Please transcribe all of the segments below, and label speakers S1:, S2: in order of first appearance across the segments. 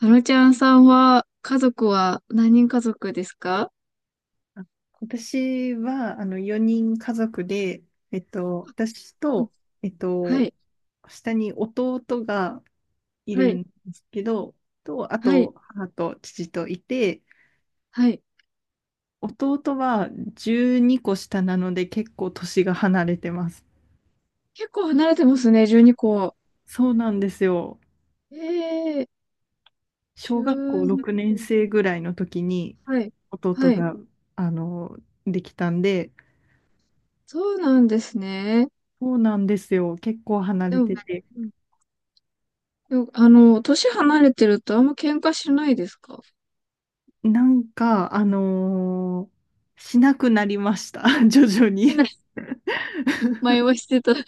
S1: あのちゃんさんは、家族は何人家族ですか？
S2: あ、私は、4人家族で、私
S1: うん。
S2: と、えっ
S1: はい、
S2: と、下に弟がい
S1: は
S2: る
S1: い、
S2: んですけど、あ
S1: はい、
S2: と、母と父といて、
S1: はい。
S2: 弟は12個下なので結構年が離れてます。
S1: 結構離れてますね、12個。
S2: そうなんですよ。
S1: ええ、
S2: 小学校
S1: 12
S2: 6年
S1: 個。
S2: 生ぐらいの時に
S1: はい、は
S2: 弟
S1: い。
S2: が、あの、できたんで、
S1: そうなんですね。
S2: そうなんですよ。結構離
S1: で
S2: れ
S1: も、
S2: てて。
S1: うん、でも、あの、年離れてるとあんま喧嘩しないですか？
S2: なんか、しなくなりました。徐々
S1: しな
S2: に。
S1: い。前はしてた。そ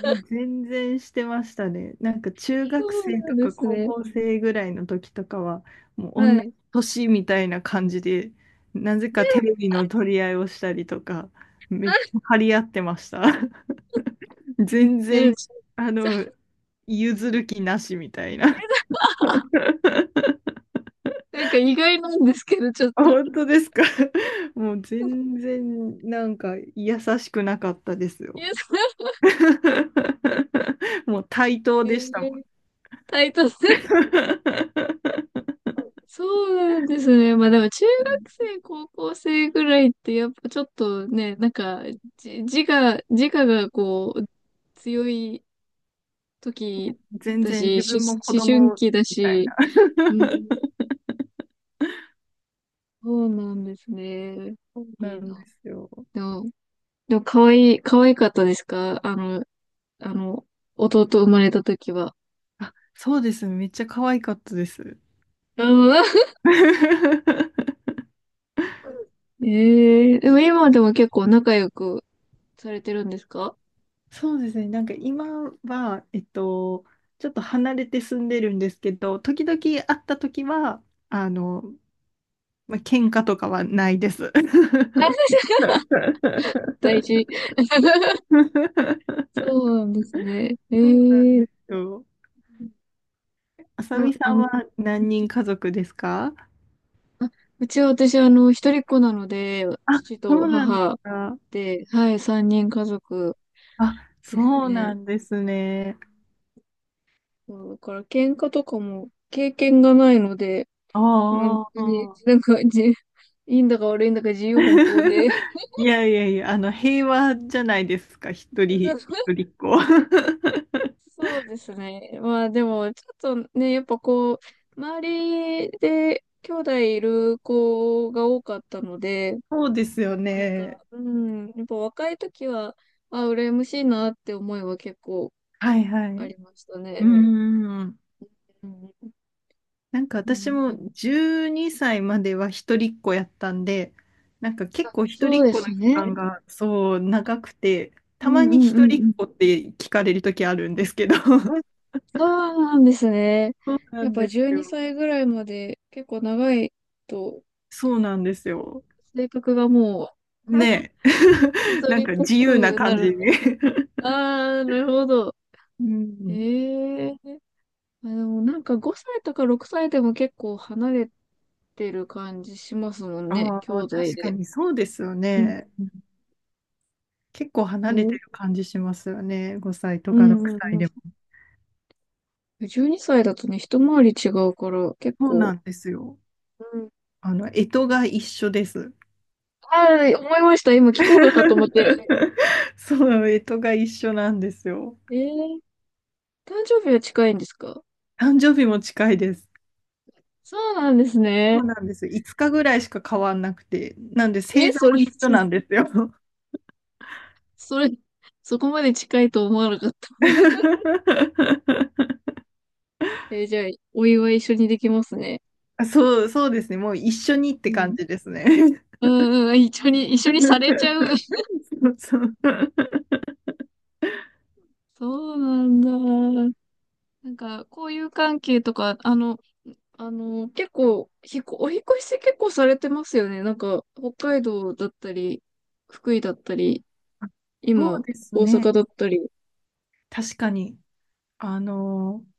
S2: もう全然してましたね。なんか中学
S1: う
S2: 生
S1: な
S2: と
S1: んで
S2: か
S1: す
S2: 高
S1: ね。
S2: 校生ぐらいの時とかは、もう同
S1: は
S2: じ
S1: い。
S2: 年みたいな感じで、なぜかテレビの取り合いをしたりとか、めっちゃ張り合ってました。全
S1: める
S2: 然、
S1: ち
S2: あの、
S1: ゃ
S2: 譲る気なしみたいな。
S1: ん、なんか意外なんですけど、ちょっ
S2: あ、
S1: と。
S2: 本当ですか。もう全然なんか優しくなかったです
S1: いや、
S2: よ。
S1: そう、
S2: もう対等
S1: え
S2: でしたもん。
S1: ー、タイト。そうなんですね。まあでも中学生、高校生ぐらいってやっぱちょっとね、なんかじ自我、自我がこう強い時
S2: 全
S1: だ
S2: 然
S1: し、
S2: 自
S1: し
S2: 分も子
S1: 思春
S2: 供
S1: 期だ
S2: みたい。
S1: し、うん、そうなんですね。
S2: そう
S1: い
S2: な
S1: い
S2: ん
S1: な。
S2: ですよ。
S1: でも、でも、可愛かったですか？あの、弟生まれた時は。
S2: あ、そうですね。めっちゃ可愛かったです。
S1: うん。ええ、でも今でも結構仲良くされてるんですか？
S2: そうですね。なんか今は、ちょっと離れて住んでるんですけど、時々会った時は、あの、まあ、喧嘩とかはないです。
S1: 大事。そうなんですね。え
S2: そうなん
S1: え、
S2: ですよ。あさみ
S1: あ、
S2: さ
S1: あ
S2: ん
S1: の、
S2: は何人家族ですか？
S1: うちは私、あの、一人っ子なので、
S2: あ、
S1: 父
S2: そ
S1: と
S2: うなんです
S1: 母
S2: か。
S1: で、はい、三人家族
S2: あ、
S1: です
S2: そう
S1: ね。
S2: なんですね。
S1: そうだから喧嘩とかも経験がないので、本
S2: あ
S1: 当に、
S2: あ。
S1: なんか、いいんだか悪いんだか自由奔放で。
S2: いやいやいや、平和じゃないですか、一
S1: そ
S2: 人一
S1: う、
S2: 人っ子。
S1: そうですね。まあでも、ちょっとね、やっぱこう、周りで兄弟いる子が多かったので、
S2: そうですよ
S1: なん
S2: ね。
S1: か、うん、やっぱ若い時は、あ、羨ましいなって思いは結構
S2: はいはい。
S1: あ
S2: う
S1: りました
S2: ー
S1: ね。
S2: ん。
S1: うん
S2: なんか
S1: う
S2: 私
S1: ん、
S2: も12歳までは一人っ子やったんで、なんか結構一
S1: そ
S2: 人
S1: う
S2: っ
S1: で
S2: 子
S1: す
S2: の期
S1: ね。
S2: 間がそう長くて、
S1: う
S2: たま
S1: んう
S2: に
S1: んうん
S2: 一
S1: う
S2: 人っ
S1: ん。
S2: 子って聞かれる時あるんですけど、
S1: うん、そうなんですね。
S2: そうな
S1: やっ
S2: ん
S1: ぱ
S2: です
S1: 12
S2: よ。
S1: 歳ぐらいまで結構長いと、
S2: そうなんですよ。
S1: 性格がもう、
S2: ね
S1: 一
S2: え。なん
S1: 人っ
S2: か
S1: ぽ
S2: 自由な
S1: くな
S2: 感
S1: る
S2: じ
S1: んだ。
S2: に。
S1: ああ、なるほど。
S2: うん。
S1: ええ、あ、でもなんか5歳とか6歳でも結構離れてる感じしますもんね、
S2: あ
S1: 兄
S2: あ、
S1: 弟
S2: 確か
S1: で。
S2: にそうですよ
S1: うん
S2: ね。
S1: う
S2: 結構離れて
S1: ん
S2: る感じしますよね。5歳と
S1: う
S2: か6
S1: んうん
S2: 歳
S1: う
S2: でも。
S1: ん、12歳だとね、一回り違うから、結
S2: そうな
S1: 構。
S2: んですよ。
S1: うん。
S2: 干支が一緒です。
S1: あ、思いました。今聞こうかなと思って。
S2: そう、干支が一緒なんですよ。
S1: えー、誕生日は近いんですか？
S2: 誕生日も近いです。
S1: そうなんです
S2: そ
S1: ね。
S2: うなんです。5日ぐらいしか変わんなくて。なんで
S1: え、
S2: 星座
S1: それ、
S2: も一緒なん ですよ。
S1: それ、そこまで近いと思わなかった。えー、じゃあ、お祝い一緒にできますね。
S2: あ、そう、そうですね。もう一緒にっ
S1: う
S2: て感
S1: ん。
S2: じですね。うん。
S1: うんうん、一緒 に、一緒にされちゃう。
S2: そうそう。
S1: そうなんだ。なんか、こういう関係とか、あの、結構、お引っ越し結構されてますよね。なんか、北海道だったり、福井だったり、
S2: あ、そう
S1: 今、
S2: です
S1: 大
S2: ね。
S1: 阪だったり。
S2: 確かに。あのー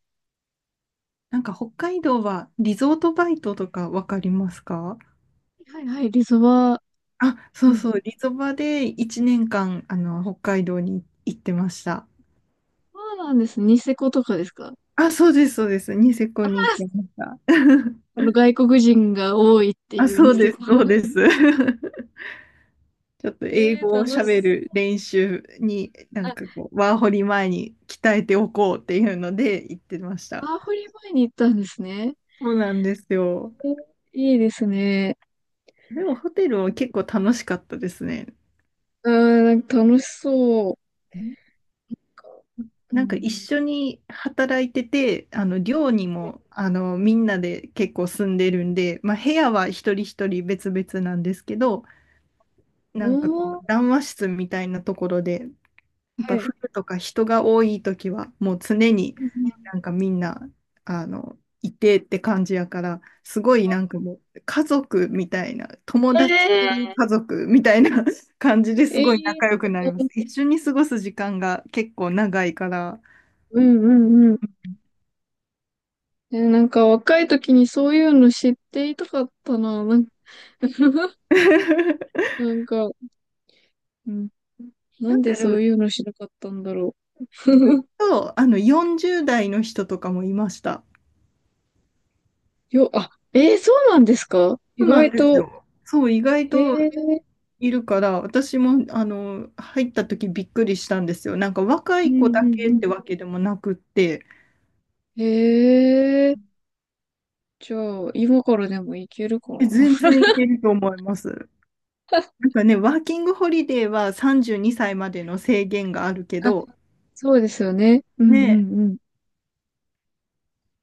S2: なんか北海道はリゾートバイトとかわかりますか？
S1: はいはい、リゾバ。
S2: あ、そ
S1: う
S2: う
S1: ん。
S2: そう。リゾバで1年間、北海道に行ってました。
S1: そうなんです。ニセコとかですか？
S2: あ、そうです、そうです。ニセ
S1: あ
S2: コ
S1: あ、
S2: に行ってました。
S1: あ の、外国人が多いって
S2: あ、
S1: いうニ
S2: そう
S1: セ
S2: で
S1: コ。
S2: す、そう です。ちょっと英
S1: ええー、
S2: 語を
S1: 楽し
S2: 喋
S1: そ
S2: る
S1: う。
S2: 練習に、なん
S1: あ、
S2: かこう、ワーホリ前に鍛えておこうっていうので行ってました。
S1: ワーホリ前に行ったんですね。
S2: そうなんですよ。
S1: えー、いいですね。
S2: でもホテルは結構楽しかったですね。
S1: あー、なんか楽しそう。う
S2: なんか
S1: ん。
S2: 一緒に働いてて、寮に
S1: はい。
S2: もみんなで結構住んでるんで、まあ、部屋は一人一人別々なんですけど、なんかこ
S1: お
S2: う
S1: ー、
S2: 談話室みたいなところでやっ
S1: は
S2: ぱ
S1: い。
S2: 冬とか人が多い時はもう常に
S1: うん、
S2: なんかみんないてって感じやからすごいなんかもう家族みたいな友達
S1: え
S2: 家族みたいな 感じです
S1: え
S2: ごい
S1: え、
S2: 仲良くなります。一緒に過ごす時間が結構長いから。
S1: うんうんうん。え、なんか若い時にそういうの知っていたかったな。なん、なんか、うん。な
S2: なん
S1: んで
S2: かで
S1: そ
S2: も
S1: ういうのしなかったんだろ
S2: と40代の人とかもいました。
S1: う。あ、えー、そうなんですか？意
S2: そうなん
S1: 外
S2: です
S1: と。
S2: よ。そう意外
S1: え
S2: と
S1: え、
S2: いるから、私も入った時びっくりしたんですよ。なんか若
S1: うん
S2: い子だけ
S1: う
S2: っ
S1: ん
S2: てわけでもなくって、
S1: うん。ええ、じゃあ、今からでもいけるかな。
S2: え、全然いけると思います。なんかね、ワーキングホリデーは32歳までの制限があるけ
S1: あ、
S2: ど、
S1: そうですよね。うんう
S2: ね、
S1: んうん。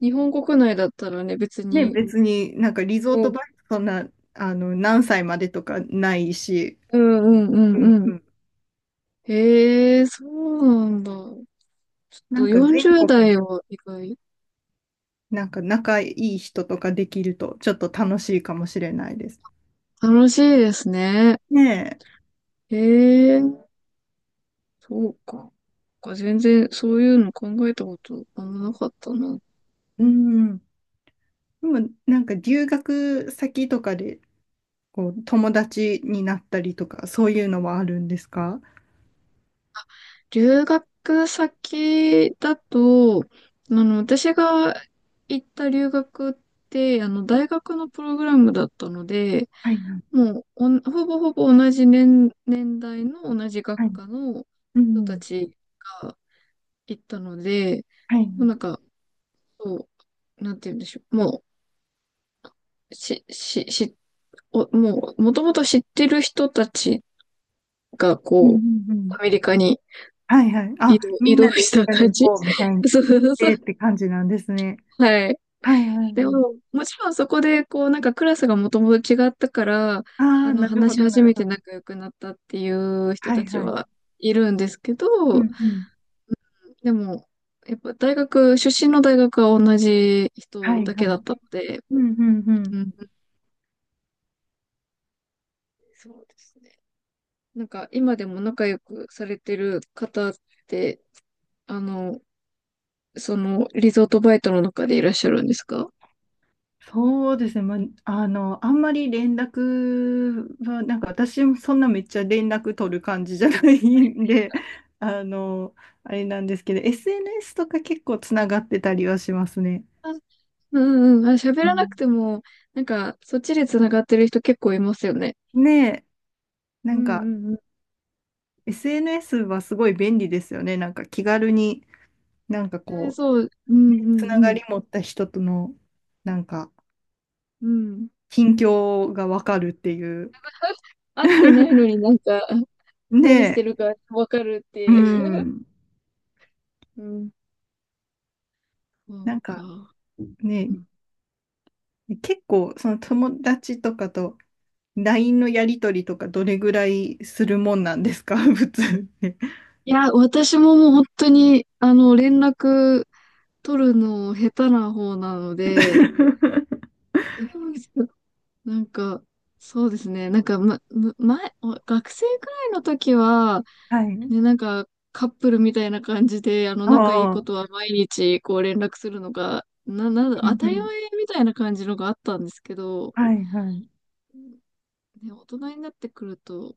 S1: 日本国内だったらね、別
S2: ね、
S1: に。
S2: 別になんかリゾート
S1: も
S2: バイトそんな何歳までとかないし、
S1: うん、うんう
S2: う
S1: んう
S2: ん
S1: んうん。
S2: うん、
S1: ええ、そうなんだ。ちょっ
S2: な
S1: と
S2: んか全
S1: 40
S2: 国に
S1: 代は意外、
S2: なんか仲いい人とかできるとちょっと楽しいかもしれないです。
S1: 楽しいですね。
S2: ね
S1: へえ、そうか。なんか全然そういうの考えたことあんまなかったな。
S2: え、うん。でも、なんか留学先とかで、こう、友達になったりとか、そういうのはあるんですか？
S1: 留学先だと、あの、私が行った留学って、あの、大学のプログラムだったので、
S2: はい、は
S1: もうほぼほぼ同じ年代の同じ学
S2: い。
S1: 科の
S2: う
S1: 人た
S2: ん、
S1: ちが行ったので、
S2: はい。
S1: もうなんか、そう、なんて言うんでしょう。もう、し、し、し、お、もう、もともと知ってる人たちが、
S2: うん、う
S1: こう、
S2: ん、うん。
S1: アメリカに
S2: はいはい。
S1: 移
S2: あ、
S1: 動、
S2: み
S1: 移
S2: ん
S1: 動
S2: なで
S1: し
S2: 一
S1: た
S2: 緒
S1: 感
S2: に行
S1: じ
S2: こうみたい に
S1: そう
S2: 行
S1: そ
S2: っ
S1: うそう。
S2: てって感じなんですね。
S1: はい。
S2: はいはい
S1: で
S2: はい。
S1: も、もちろんそこで、こう、なんかクラスがもともと違ったから、
S2: あ
S1: あ
S2: あ、
S1: の、
S2: なるほ
S1: 話し
S2: ど、な
S1: 始
S2: る
S1: め
S2: ほ
S1: て
S2: ど。
S1: 仲良くなったっていう人
S2: は
S1: た
S2: い
S1: ち
S2: は
S1: は
S2: い。
S1: いるんですけ
S2: う
S1: ど、
S2: ん、うん。
S1: でも、やっぱ出身の大学は同じ
S2: は
S1: 人
S2: い
S1: だ
S2: は
S1: けだ
S2: い。
S1: ったので、
S2: うんうんう
S1: う
S2: ん。
S1: ん、そうですね。なんか今でも仲良くされてる方って、あの、その、リゾートバイトの中でいらっしゃるんですか？
S2: そうですね、まあ、あんまり連絡は、なんか私もそんなめっちゃ連絡取る感じじゃないんで、あの、あれなんですけど、SNS とか結構つながってたりはしますね。
S1: あ、うんうん。あ、喋
S2: う
S1: らなくて
S2: ん、
S1: も、なんか、そっちで繋がってる人結構いますよね。
S2: ねえ、な
S1: う
S2: ん
S1: ん
S2: か
S1: うんうん。
S2: SNS はすごい便利ですよね。なんか気軽に、なんか
S1: えー、
S2: こ
S1: そう、うん
S2: う、
S1: う
S2: つなが
S1: んうん。
S2: り持った人との、なんか、
S1: うん。
S2: 近況がわかるっていう。
S1: 会ってないのに なんか、
S2: ね
S1: 何して
S2: え、
S1: るかわかるっ
S2: う
S1: て。
S2: ん。
S1: うん。そう
S2: なんか
S1: か。
S2: ね、
S1: うん。
S2: 結構、その友達とかと LINE のやりとりとかどれぐらいするもんなんですか？ 普通って。
S1: いや、私ももう本当に、あの、連絡取るの下手な方なので、えなんか、そうですね。なんか、ま、む前、お学生くらいの時は、
S2: はい。ね、
S1: ね、なんか、カップルみたいな感じで、あの、仲いい
S2: あ
S1: こ
S2: あ。う
S1: とは毎日、こう、連絡するのが、な、なんだ、当
S2: んう
S1: たり
S2: ん。
S1: 前みたいな感じのがあったんですけど、
S2: はいはい。
S1: ね、大人になってくると、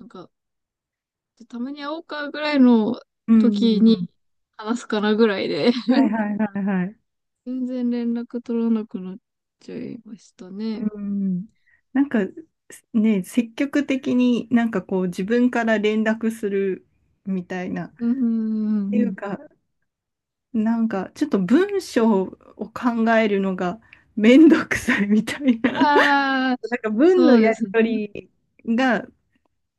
S1: なんか、たまに会おうかぐらいの
S2: うんう
S1: 時
S2: んう
S1: に
S2: ん。
S1: 話すかなぐらいで、
S2: はい はいはいはい。
S1: 全然連絡取らなくなっちゃいましたね。
S2: うん。なんか、ね、積極的になんかこう自分から連絡するみたいな。っ
S1: うんうんう
S2: て
S1: ん
S2: い
S1: う
S2: う
S1: ん。
S2: か、なんかちょっと文章を考えるのがめんどくさいみたいな。なん
S1: ああ、
S2: か文
S1: そ
S2: の
S1: うで
S2: やり
S1: すね。
S2: 取りが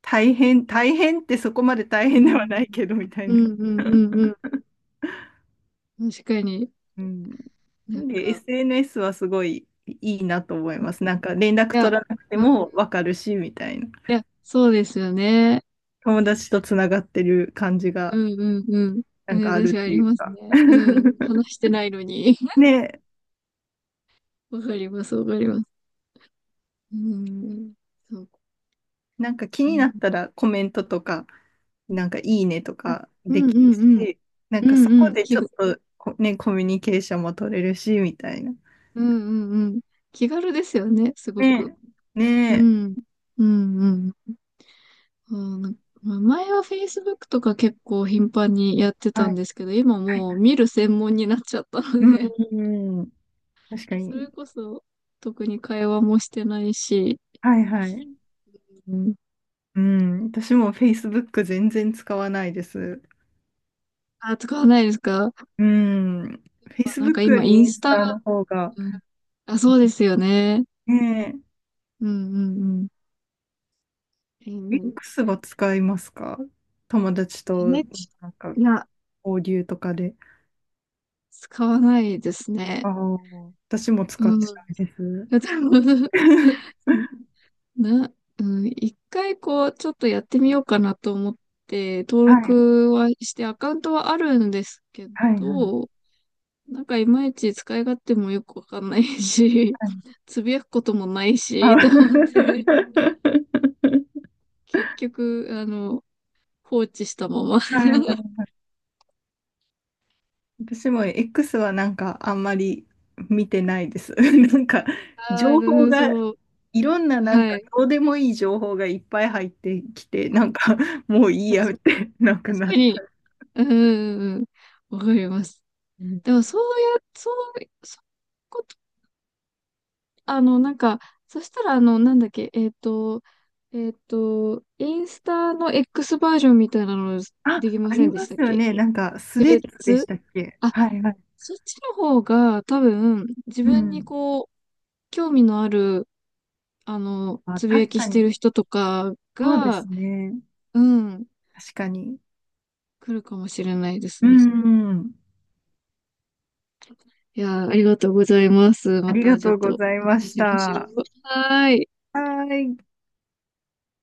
S2: 大変、大変ってそこまで大
S1: う
S2: 変では
S1: ん。
S2: ないけどみたい
S1: う
S2: な。
S1: んうんうんうん。確かに。
S2: うん。
S1: な
S2: な
S1: ん
S2: んで
S1: か、
S2: SNS はすごいいいなと思います。なんか連絡
S1: いや、
S2: 取らなくて
S1: うん、い
S2: もわかるしみたいな。
S1: や、そうですよね。
S2: 友達とつながってる感じ
S1: う
S2: が
S1: んうんうん。え
S2: なん
S1: ー、
S2: かあ
S1: 私
S2: る
S1: は
S2: っ
S1: あ
S2: て
S1: り
S2: いう
S1: ます
S2: か。
S1: ね。うん。話してないのに。
S2: ね、
S1: わかります、わかります。うん。そうか。
S2: なんか気
S1: う
S2: に
S1: ん。
S2: なったらコメントとか、なんかいいねと
S1: あ、
S2: か
S1: う
S2: で
S1: ん
S2: き
S1: う
S2: る
S1: んうん。
S2: し、なん
S1: う
S2: かそ
S1: んう
S2: こ
S1: ん。
S2: でちょっとこね、コミュニケーションも取れるしみたいな。
S1: うんうんうん。気軽ですよね、すごく。
S2: ねえ、
S1: う
S2: ねえ、
S1: ん。うんうんうん、なんかまあ前は Facebook とか結構頻繁にやってた
S2: は
S1: ん
S2: い。
S1: ですけど、今
S2: はい。
S1: もう見る専門になっちゃったの
S2: う
S1: で、
S2: んん。確か
S1: それ
S2: に。
S1: こそ特に会話もしてないし、
S2: はいはい。
S1: うん、
S2: うん。私も Facebook 全然使わないです。
S1: あ、使わないですか？やっ
S2: うん。
S1: ぱなんか
S2: Facebook
S1: 今
S2: よ
S1: イ
S2: り
S1: ン
S2: イン
S1: ス
S2: ス
S1: タ、
S2: タの方が。
S1: うん、あ、そうですよね。
S2: ね
S1: うんうんうん。え
S2: え。
S1: ー、
S2: X は使いますか？友達と
S1: n
S2: なんか
S1: いや、
S2: 交流とかで。
S1: 使わないですね。
S2: ああ、私も
S1: う
S2: 使
S1: ん。
S2: ってないです。
S1: うん、 な、うん、一回こう、ちょっとやってみようかなと思って、登
S2: はい。
S1: 録はして、アカウントはあるんですけ
S2: はいはい。
S1: ど、なんかいまいち使い勝手もよくわかんないし、
S2: はい。
S1: つぶやくこともない
S2: あ、
S1: し、と思っ て、結局、あの、放置したまま。
S2: はい、 私も X はなんかあんまり見てないです。なんか情
S1: あ
S2: 報
S1: あ、
S2: が
S1: そう。
S2: いろんななん
S1: は
S2: か
S1: い。
S2: どうでもいい情報がいっぱい入ってきて、
S1: あ、
S2: なんかもういいやっ
S1: 確
S2: て なくな
S1: か
S2: っ
S1: に。
S2: た。
S1: うんうんうん。わかります。
S2: うん、
S1: でも、そうや、そう、そういうこあの、なんか、そしたら、あの、なんだっけ、インスタの X バージョンみたいなの
S2: あ、
S1: できま
S2: あ
S1: せ
S2: り
S1: んでし
S2: ま
S1: たっ
S2: すよ
S1: け？
S2: ね。なんかス
S1: ス
S2: レ
S1: レッ
S2: ッズでし
S1: ズ。
S2: たっけ？
S1: あ、
S2: はいはい。
S1: そっちの方が多分、自
S2: う
S1: 分に
S2: ん。
S1: こう、興味のある、あの、
S2: あ、
S1: つぶや
S2: 確
S1: き
S2: か
S1: してる
S2: に。
S1: 人とか
S2: そうで
S1: が、
S2: すね。
S1: うん、
S2: 確かに。
S1: 来るかもしれないです
S2: う
S1: ね。
S2: ん。
S1: いやー、ありがとうございます。
S2: あ
S1: ま
S2: りが
S1: たちょ
S2: と
S1: っ
S2: うご
S1: と
S2: ざい
S1: お
S2: ま
S1: 話し
S2: し
S1: しましょう。
S2: た。
S1: はーい。
S2: はい。